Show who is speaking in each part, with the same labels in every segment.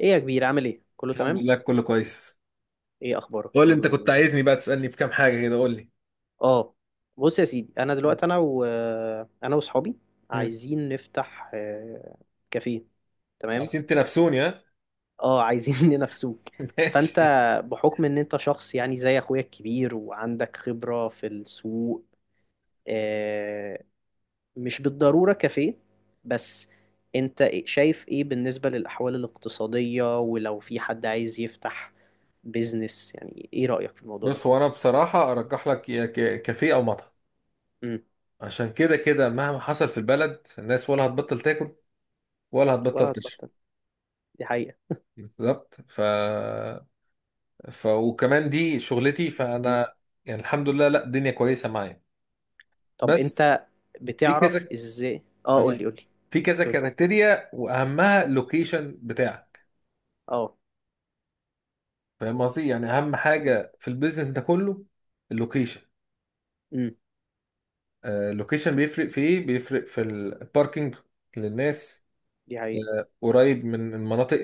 Speaker 1: ايه يا كبير، عامل ايه؟ كله
Speaker 2: الحمد
Speaker 1: تمام؟
Speaker 2: لله كله كويس.
Speaker 1: ايه اخبارك؟
Speaker 2: قول لي انت
Speaker 1: كله
Speaker 2: كنت
Speaker 1: زي الفل.
Speaker 2: عايزني بقى تسألني في كام حاجة كده، قول لي.
Speaker 1: اه. بص يا سيدي، انا دلوقتي انا واصحابي
Speaker 2: مم.
Speaker 1: عايزين نفتح كافيه. تمام.
Speaker 2: عايزين تنافسوني؟ ها.
Speaker 1: اه، عايزين ننافسوك. فانت،
Speaker 2: ماشي.
Speaker 1: بحكم ان انت شخص يعني زي اخويا الكبير وعندك خبرة في السوق، آه، مش بالضرورة كافيه، بس انت شايف ايه بالنسبة للاحوال الاقتصادية؟ ولو في حد عايز يفتح بيزنس، يعني ايه رأيك في الموضوع ده؟
Speaker 2: بص، هو انا بصراحة ارجح لك يا كافيه او مطعم.
Speaker 1: إمم.
Speaker 2: عشان كده كده مهما حصل في البلد الناس ولا هتبطل تاكل ولا هتبطل
Speaker 1: ولا
Speaker 2: تشرب.
Speaker 1: هتبطل. دي حقيقة.
Speaker 2: بالظبط. ف... ف وكمان دي شغلتي،
Speaker 1: مم.
Speaker 2: فانا يعني الحمد لله، لا الدنيا كويسة معايا،
Speaker 1: طب
Speaker 2: بس.
Speaker 1: انت
Speaker 2: في
Speaker 1: بتعرف
Speaker 2: كذا،
Speaker 1: ازاي؟ اه قول لي،
Speaker 2: آه.
Speaker 1: قول لي.
Speaker 2: في كذا
Speaker 1: سوري.
Speaker 2: كريتيريا واهمها اللوكيشن بتاعك.
Speaker 1: اه.
Speaker 2: فاهم قصدي؟ يعني اهم
Speaker 1: مم.
Speaker 2: حاجه في البيزنس ده كله اللوكيشن.
Speaker 1: مم.
Speaker 2: اللوكيشن بيفرق في ايه؟ بيفرق في الباركينج للناس،
Speaker 1: دي حقيقة.
Speaker 2: قريب من المناطق،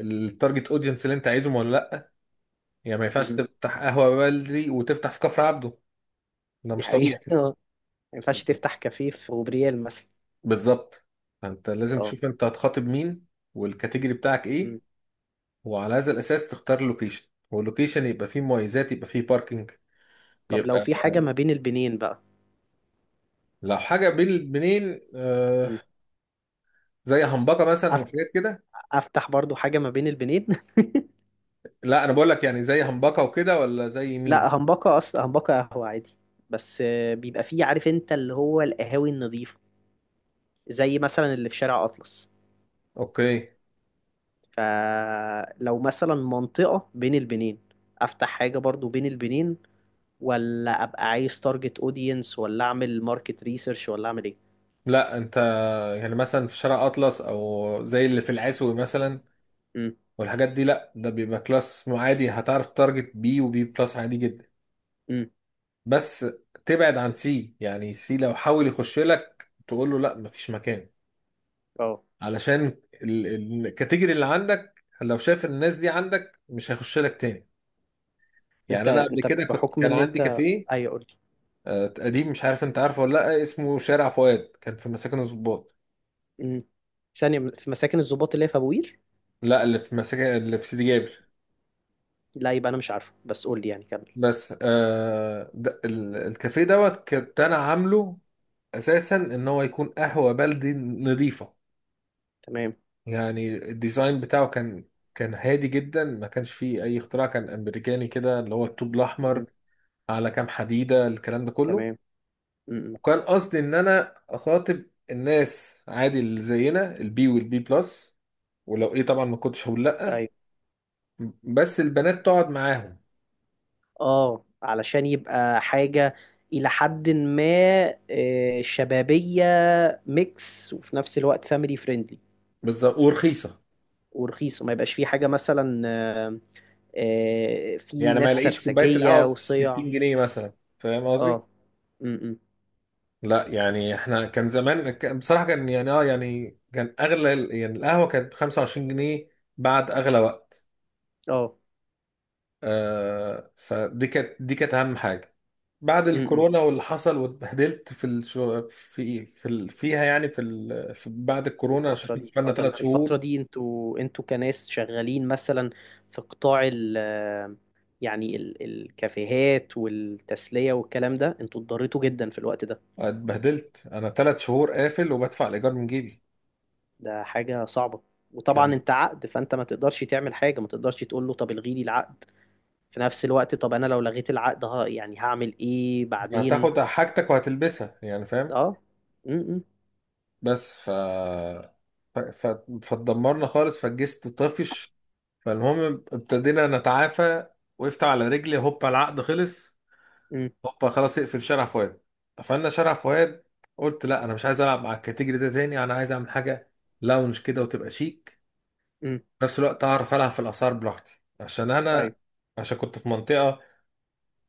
Speaker 2: التارجت اودينس اللي انت عايزهم ولا لا. يعني ما ينفعش
Speaker 1: مم.
Speaker 2: تفتح قهوه بلدي وتفتح في كفر عبده، ده
Speaker 1: دي
Speaker 2: مش
Speaker 1: حقيقة
Speaker 2: طبيعي.
Speaker 1: اه، ما ينفعش تفتح كافيه في غبريال مثلا.
Speaker 2: بالظبط. فانت لازم
Speaker 1: اه.
Speaker 2: تشوف انت هتخاطب مين، والكاتيجوري بتاعك ايه،
Speaker 1: مم.
Speaker 2: وعلى هذا الاساس تختار اللوكيشن. واللوكيشن يبقى فيه مميزات، يبقى فيه باركينج.
Speaker 1: طب لو
Speaker 2: يبقى
Speaker 1: في حاجة ما بين البنين بقى؟
Speaker 2: لو حاجه بين البنين
Speaker 1: مم.
Speaker 2: زي همبكه مثلا
Speaker 1: أف-
Speaker 2: وحاجات كده.
Speaker 1: افتح برضو حاجة ما بين البنين
Speaker 2: لا، انا بقول لك يعني زي همبكه وكده، ولا زي مين؟
Speaker 1: لا، همبكة اصلا، همبكة قهوة عادي، بس بيبقى فيه، عارف انت، اللي هو القهاوي النظيفة، زي مثلا اللي في شارع اطلس.
Speaker 2: اوكي.
Speaker 1: فلو مثلا منطقة بين البنين، افتح حاجة برضو بين البنين، ولا ابقى عايز تارجت اودينس، ولا اعمل ماركت ريسيرش، ولا اعمل ايه؟
Speaker 2: لا انت يعني مثلا في شارع اطلس او زي اللي في العسوي مثلا
Speaker 1: امم.
Speaker 2: والحاجات دي، لا ده بيبقى كلاس عادي. هتعرف تارجت بي وبي بلس عادي جدا.
Speaker 1: امم.
Speaker 2: بس تبعد عن سي. يعني سي لو حاول يخش لك تقول له لا مفيش مكان،
Speaker 1: اه.
Speaker 2: علشان الكاتيجوري اللي عندك لو شاف الناس دي عندك مش هيخش لك تاني.
Speaker 1: انت
Speaker 2: يعني انا قبل
Speaker 1: انت
Speaker 2: كده كنت
Speaker 1: بحكم
Speaker 2: كان
Speaker 1: ان
Speaker 2: عندي
Speaker 1: انت.
Speaker 2: كافيه
Speaker 1: ايوه قول لي.
Speaker 2: قديم. مش عارف انت عارفه ولا لا، اسمه شارع فؤاد، كان في مساكن الضباط.
Speaker 1: امم. ثانيه، في مساكن الضباط اللي هي في ابو قير؟
Speaker 2: لا اللي في مساكن اللي في سيدي جابر.
Speaker 1: لا يبقى انا مش عارفه، بس قول لي يعني، كمل.
Speaker 2: بس ده الكافيه دوت كنت انا عامله اساسا ان هو يكون قهوه بلدي نظيفه.
Speaker 1: تمام.
Speaker 2: يعني الديزاين بتاعه كان هادي جدا، ما كانش فيه اي اختراع، كان امريكاني كده اللي هو الطوب
Speaker 1: امم.
Speaker 2: الاحمر على كام حديده، الكلام ده كله.
Speaker 1: تمام. امم. إمم.
Speaker 2: وكان قصدي ان انا اخاطب الناس عادي اللي زينا البي والبي بلس، ولو ايه طبعا ما كنتش هقول لا
Speaker 1: ايوه.
Speaker 2: بس البنات تقعد معاهم.
Speaker 1: اه، علشان يبقى حاجه الى حد ما شبابيه، ميكس، وفي نفس الوقت فاميلي فريندلي.
Speaker 2: بالظبط ورخيصه.
Speaker 1: ورخيصه، ما يبقاش فيه حاجه مثلا، آمم، في
Speaker 2: يعني ما
Speaker 1: ناس
Speaker 2: يلاقيش كوبايه القهوه
Speaker 1: سرسجية
Speaker 2: ب
Speaker 1: وصيع.
Speaker 2: 60 جنيه مثلا. فاهم قصدي؟
Speaker 1: اه. امم.
Speaker 2: لا يعني احنا كان زمان بصراحه كان يعني اه يعني كان اغلى يعني القهوه كانت ب 25 جنيه، بعد اغلى وقت.
Speaker 1: اه.
Speaker 2: آه، فدي كانت دي كانت اهم حاجه. بعد
Speaker 1: امم.
Speaker 2: الكورونا واللي حصل واتبهدلت في الشو فيها يعني في, ال... في بعد الكورونا
Speaker 1: الفترة
Speaker 2: عشان
Speaker 1: دي، اه
Speaker 2: قفلنا
Speaker 1: ده
Speaker 2: 3 شهور.
Speaker 1: الفترة دي انتوا كناس شغالين مثلا في قطاع يعني الكافيهات والتسلية والكلام ده، انتوا اتضريتوا جدا في الوقت ده؟
Speaker 2: اتبهدلت انا 3 شهور قافل وبدفع الايجار من جيبي.
Speaker 1: ده حاجة صعبة. وطبعا
Speaker 2: كان
Speaker 1: انت عقد، فانت ما تقدرش تعمل حاجة، ما تقدرش تقول له طب الغي لي العقد. في نفس الوقت، طب انا لو لغيت العقد، ها، يعني هعمل ايه
Speaker 2: يعني
Speaker 1: بعدين؟
Speaker 2: هتاخد حاجتك وهتلبسها، يعني فاهم.
Speaker 1: اه. امم.
Speaker 2: بس ف ف... ف... فاتدمرنا خالص، فالجست طفش. فالمهم ابتدينا نتعافى، وقفت على رجلي. هوبا العقد خلص،
Speaker 1: امم.
Speaker 2: هوبا خلاص اقفل شارع فؤاد. قفلنا شارع فؤاد. قلت لا انا مش عايز العب مع الكاتيجوري ده تاني، انا عايز اعمل حاجه لاونج كده وتبقى شيك،
Speaker 1: امم.
Speaker 2: في نفس الوقت اعرف العب في الاسعار براحتي، عشان
Speaker 1: ايوه.
Speaker 2: انا عشان كنت في منطقه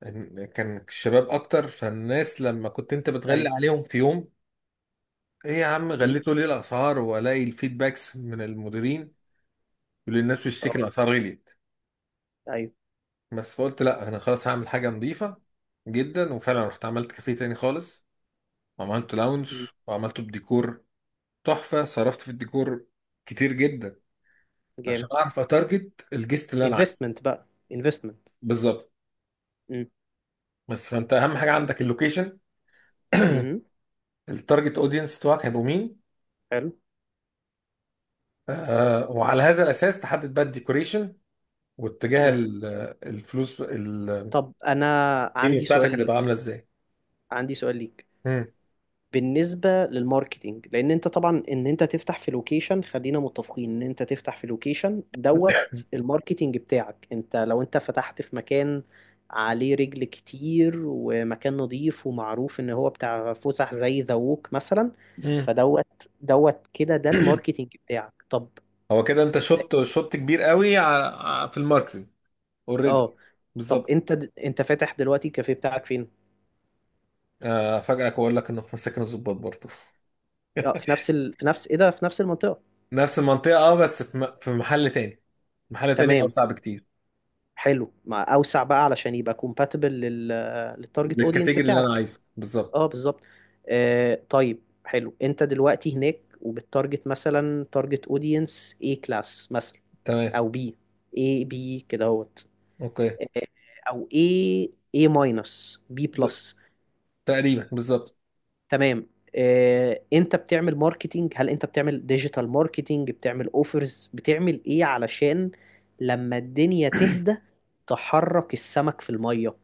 Speaker 2: كان الشباب اكتر. فالناس لما كنت انت بتغلي
Speaker 1: ايوه.
Speaker 2: عليهم في يوم، ايه يا عم
Speaker 1: مم.
Speaker 2: غليتوا ليه الاسعار، والاقي الفيدباكس من المديرين يقول لي الناس بتشتكي
Speaker 1: اه.
Speaker 2: الاسعار غليت.
Speaker 1: ايوه.
Speaker 2: بس فقلت لا انا خلاص هعمل حاجه نظيفه جدا، وفعلا رحت عملت كافيه تاني خالص، وعملت لاونج،
Speaker 1: مم.
Speaker 2: وعملته بديكور تحفه. صرفت في الديكور كتير جدا عشان
Speaker 1: جامد.
Speaker 2: اعرف اتارجت الجست اللي انا عايزه
Speaker 1: انفستمنت بقى، انفستمنت.
Speaker 2: بالظبط.
Speaker 1: مم.
Speaker 2: بس فانت اهم حاجه عندك اللوكيشن،
Speaker 1: مم.
Speaker 2: التارجت اودينس بتوعك هيبقوا مين،
Speaker 1: حلو.
Speaker 2: آه، وعلى هذا الاساس تحدد بقى الديكوريشن واتجاه
Speaker 1: مم.
Speaker 2: الفلوس، المنيو
Speaker 1: طب انا عندي سؤال
Speaker 2: بتاعتك هتبقى
Speaker 1: ليك،
Speaker 2: عامله ازاي.
Speaker 1: عندي سؤال ليك.
Speaker 2: مم.
Speaker 1: بالنسبة للماركتينج، لان انت طبعا، ان انت تفتح في لوكيشن، خلينا متفقين ان انت تفتح في لوكيشن دوت، الماركتينج بتاعك، انت لو انت فتحت في مكان عليه رجل كتير ومكان نظيف ومعروف ان هو بتاع فسح زي ذا ووك مثلا،
Speaker 2: مم.
Speaker 1: فدوت دوت كده، ده الماركتينج بتاعك. طب
Speaker 2: هو كده انت شوت شوت كبير قوي في الماركتنج
Speaker 1: اه،
Speaker 2: اوريدي.
Speaker 1: طب
Speaker 2: بالظبط.
Speaker 1: انت انت فاتح دلوقتي الكافيه بتاعك فين؟
Speaker 2: افاجئك واقول لك انه في مساكن الضباط برضه.
Speaker 1: اه، في نفس ال... في نفس ايه ده في نفس المنطقة.
Speaker 2: نفس المنطقه، اه، بس في في محل تاني. محل تاني
Speaker 1: تمام.
Speaker 2: اوسع بكتير.
Speaker 1: حلو، مع اوسع بقى علشان يبقى كومباتبل للتارجت اودينس
Speaker 2: للكاتيجوري اللي انا
Speaker 1: بتاعك.
Speaker 2: عايزه بالظبط.
Speaker 1: اه بالظبط. طيب. حلو، انت دلوقتي هناك، وبتارجت مثلا تارجت اودينس اي كلاس مثلا،
Speaker 2: تمام.
Speaker 1: او بي، اي بي كده اهوت.
Speaker 2: اوكي.
Speaker 1: آه، او اي، اي ماينس، بي
Speaker 2: ب...
Speaker 1: بلس.
Speaker 2: تقريبا بالظبط.
Speaker 1: تمام. انت بتعمل ماركتينج، هل انت بتعمل ديجيتال ماركتينج، بتعمل اوفرز، بتعمل ايه علشان لما الدنيا تهدى، تحرك السمك في المية؟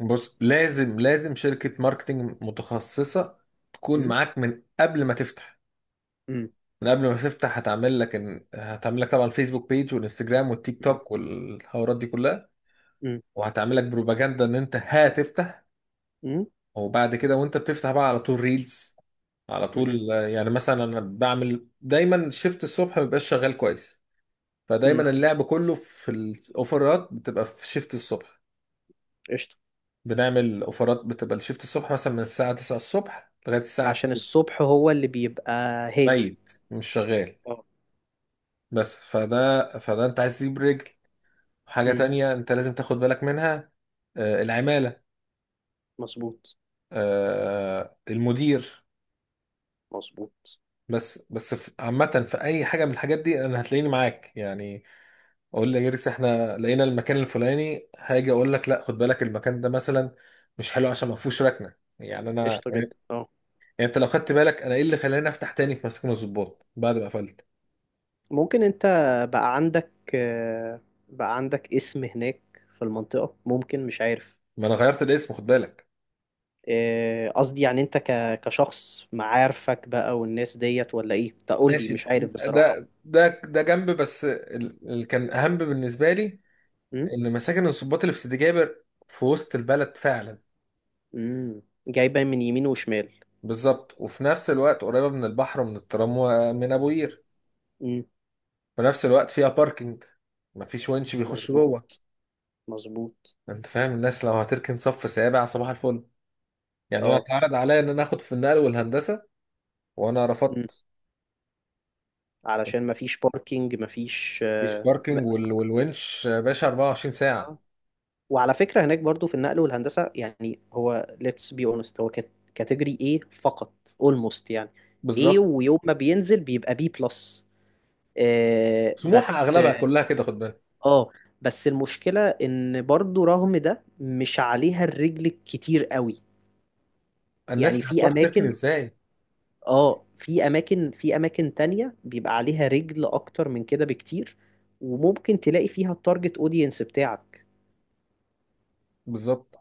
Speaker 2: بص لازم شركه ماركتنج متخصصه تكون
Speaker 1: م؟
Speaker 2: معاك من قبل ما تفتح.
Speaker 1: م-.
Speaker 2: من قبل ما تفتح هتعمل لك هتعمل لك طبعا الفيسبوك بيج والانستجرام والتيك
Speaker 1: م-.
Speaker 2: توك والحوارات دي كلها،
Speaker 1: م-.
Speaker 2: وهتعمل لك بروباجندا ان انت هتفتح.
Speaker 1: م-.
Speaker 2: وبعد كده وانت بتفتح بقى على طول ريلز على
Speaker 1: م-.
Speaker 2: طول. يعني مثلا انا بعمل دايما شيفت الصبح ما بيبقاش شغال كويس،
Speaker 1: م-.
Speaker 2: فدايما اللعب كله في الاوفرات بتبقى في شيفت الصبح.
Speaker 1: قشطة.
Speaker 2: بنعمل اوفرات بتبقى الشيفت الصبح مثلا من الساعة 9 الصبح لغاية الساعة
Speaker 1: عشان
Speaker 2: 2
Speaker 1: الصبح هو اللي بيبقى هادي.
Speaker 2: ميت مش شغال.
Speaker 1: اه.
Speaker 2: بس فده انت عايز تجيب رجل. حاجة
Speaker 1: م،.
Speaker 2: تانية انت لازم تاخد بالك منها، العمالة،
Speaker 1: مظبوط.
Speaker 2: المدير.
Speaker 1: مظبوط.
Speaker 2: بس عامة في أي حاجة من الحاجات دي أنا هتلاقيني معاك يعني. أقول لجيركس إحنا لقينا المكان الفلاني، هاجي أقول لك لا خد بالك المكان ده مثلا مش حلو عشان ما فيهوش ركنة، يعني أنا
Speaker 1: قشطة جدا،
Speaker 2: يعني.
Speaker 1: اه.
Speaker 2: يعني أنت لو خدت بالك أنا إيه اللي خلاني أفتح تاني في مساكن الضباط بعد ما قفلت؟
Speaker 1: ممكن انت بقى عندك آه، بقى عندك اسم هناك في المنطقة، ممكن، مش عارف.
Speaker 2: ما أنا غيرت الاسم خد بالك.
Speaker 1: إيه، قصدي يعني انت كشخص، معارفك بقى والناس ديت، ولا ايه؟ تقول لي،
Speaker 2: ماشي.
Speaker 1: مش عارف بصراحة.
Speaker 2: ده جنب، بس اللي كان أهم بالنسبة لي
Speaker 1: امم.
Speaker 2: إن مساكن الضباط اللي في سيدي جابر في وسط البلد فعلا.
Speaker 1: امم. جايبة من يمين وشمال.
Speaker 2: بالظبط، وفي نفس الوقت قريبة من البحر ومن الترام ومن أبو قير.
Speaker 1: امم.
Speaker 2: في نفس الوقت فيها باركينج، مفيش ونش بيخش
Speaker 1: مظبوط.
Speaker 2: جوه.
Speaker 1: مظبوط.
Speaker 2: انت فاهم، الناس لو هتركن صف سابع صباح الفل. يعني انا
Speaker 1: اه.
Speaker 2: اتعرض عليا ان انا اخد في النقل والهندسه، وانا
Speaker 1: امم.
Speaker 2: رفضت.
Speaker 1: علشان مفيش باركينج، مفيش
Speaker 2: مفيش باركينج والونش يا باشا 24 ساعه.
Speaker 1: اه. وعلى فكرة هناك برضو في النقل والهندسة، يعني هو let's be honest، هو كاتيجوري ايه فقط، almost يعني. ايه،
Speaker 2: بالظبط.
Speaker 1: ويوم ما بينزل بيبقى بي بلس،
Speaker 2: سموحه
Speaker 1: بس.
Speaker 2: اغلبها كلها كده خد بالك.
Speaker 1: اه. بس المشكلة ان برضو رغم ده مش عليها الرجل الكتير قوي. يعني
Speaker 2: الناس
Speaker 1: في
Speaker 2: هتروح تركن
Speaker 1: اماكن.
Speaker 2: ازاي؟
Speaker 1: اه. في اماكن تانية بيبقى عليها رجل اكتر من كده بكتير، وممكن تلاقي فيها التارجت اودينس بتاعك،
Speaker 2: بالظبط.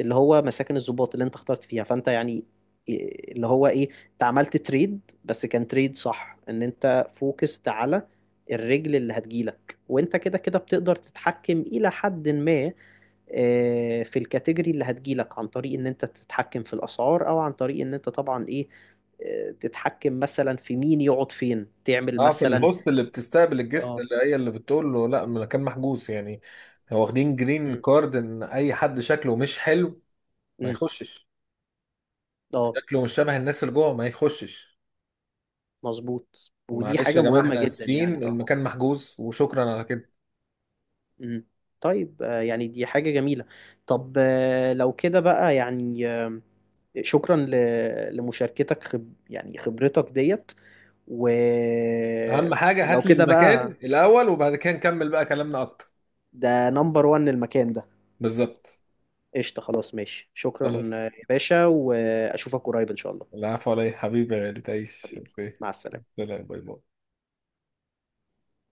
Speaker 1: اللي هو مساكن الضباط اللي انت اخترت فيها. فانت يعني إيه- اللي هو ايه، انت عملت تريد، بس كان تريد صح ان انت فوكست على الرجل اللي هتجيلك. وانت كده كده بتقدر تتحكم الى حد ما في الكاتيجوري اللي هتجيلك، عن طريق ان انت تتحكم في الاسعار، او عن طريق ان انت طبعا ايه، تتحكم مثلا في مين يقعد فين، تعمل
Speaker 2: اه، في
Speaker 1: مثلا.
Speaker 2: الهوست اللي بتستقبل الجست،
Speaker 1: اه.
Speaker 2: اللي هي اللي بتقول له لا المكان محجوز يعني. هو واخدين جرين
Speaker 1: أم،.
Speaker 2: كارد ان اي حد شكله مش حلو ما
Speaker 1: أم،.
Speaker 2: يخشش.
Speaker 1: اه.
Speaker 2: شكله مش شبه الناس اللي جوه ما يخشش.
Speaker 1: مظبوط، ودي
Speaker 2: معلش يا
Speaker 1: حاجة
Speaker 2: جماعة
Speaker 1: مهمة
Speaker 2: احنا
Speaker 1: جدا
Speaker 2: اسفين
Speaker 1: يعني، اه.
Speaker 2: المكان محجوز وشكرا على كده.
Speaker 1: أم. طيب، يعني دي حاجة جميلة. طب، لو كده بقى يعني شكرا لمشاركتك، خب يعني خبرتك ديت و...
Speaker 2: اهم حاجة
Speaker 1: ولو
Speaker 2: هات لي
Speaker 1: كده
Speaker 2: المكان
Speaker 1: بقى،
Speaker 2: الاول وبعد كده نكمل بقى كلامنا اكتر.
Speaker 1: ده نمبر وان المكان ده.
Speaker 2: بالظبط.
Speaker 1: قشطة، خلاص ماشي. شكرا
Speaker 2: خلاص.
Speaker 1: يا باشا، وأشوفك قريب إن شاء الله.
Speaker 2: العفو علي حبيبي يا غالي تعيش.
Speaker 1: حبيبي.
Speaker 2: اوكي.
Speaker 1: مع السلامة.
Speaker 2: سلام، باي باي.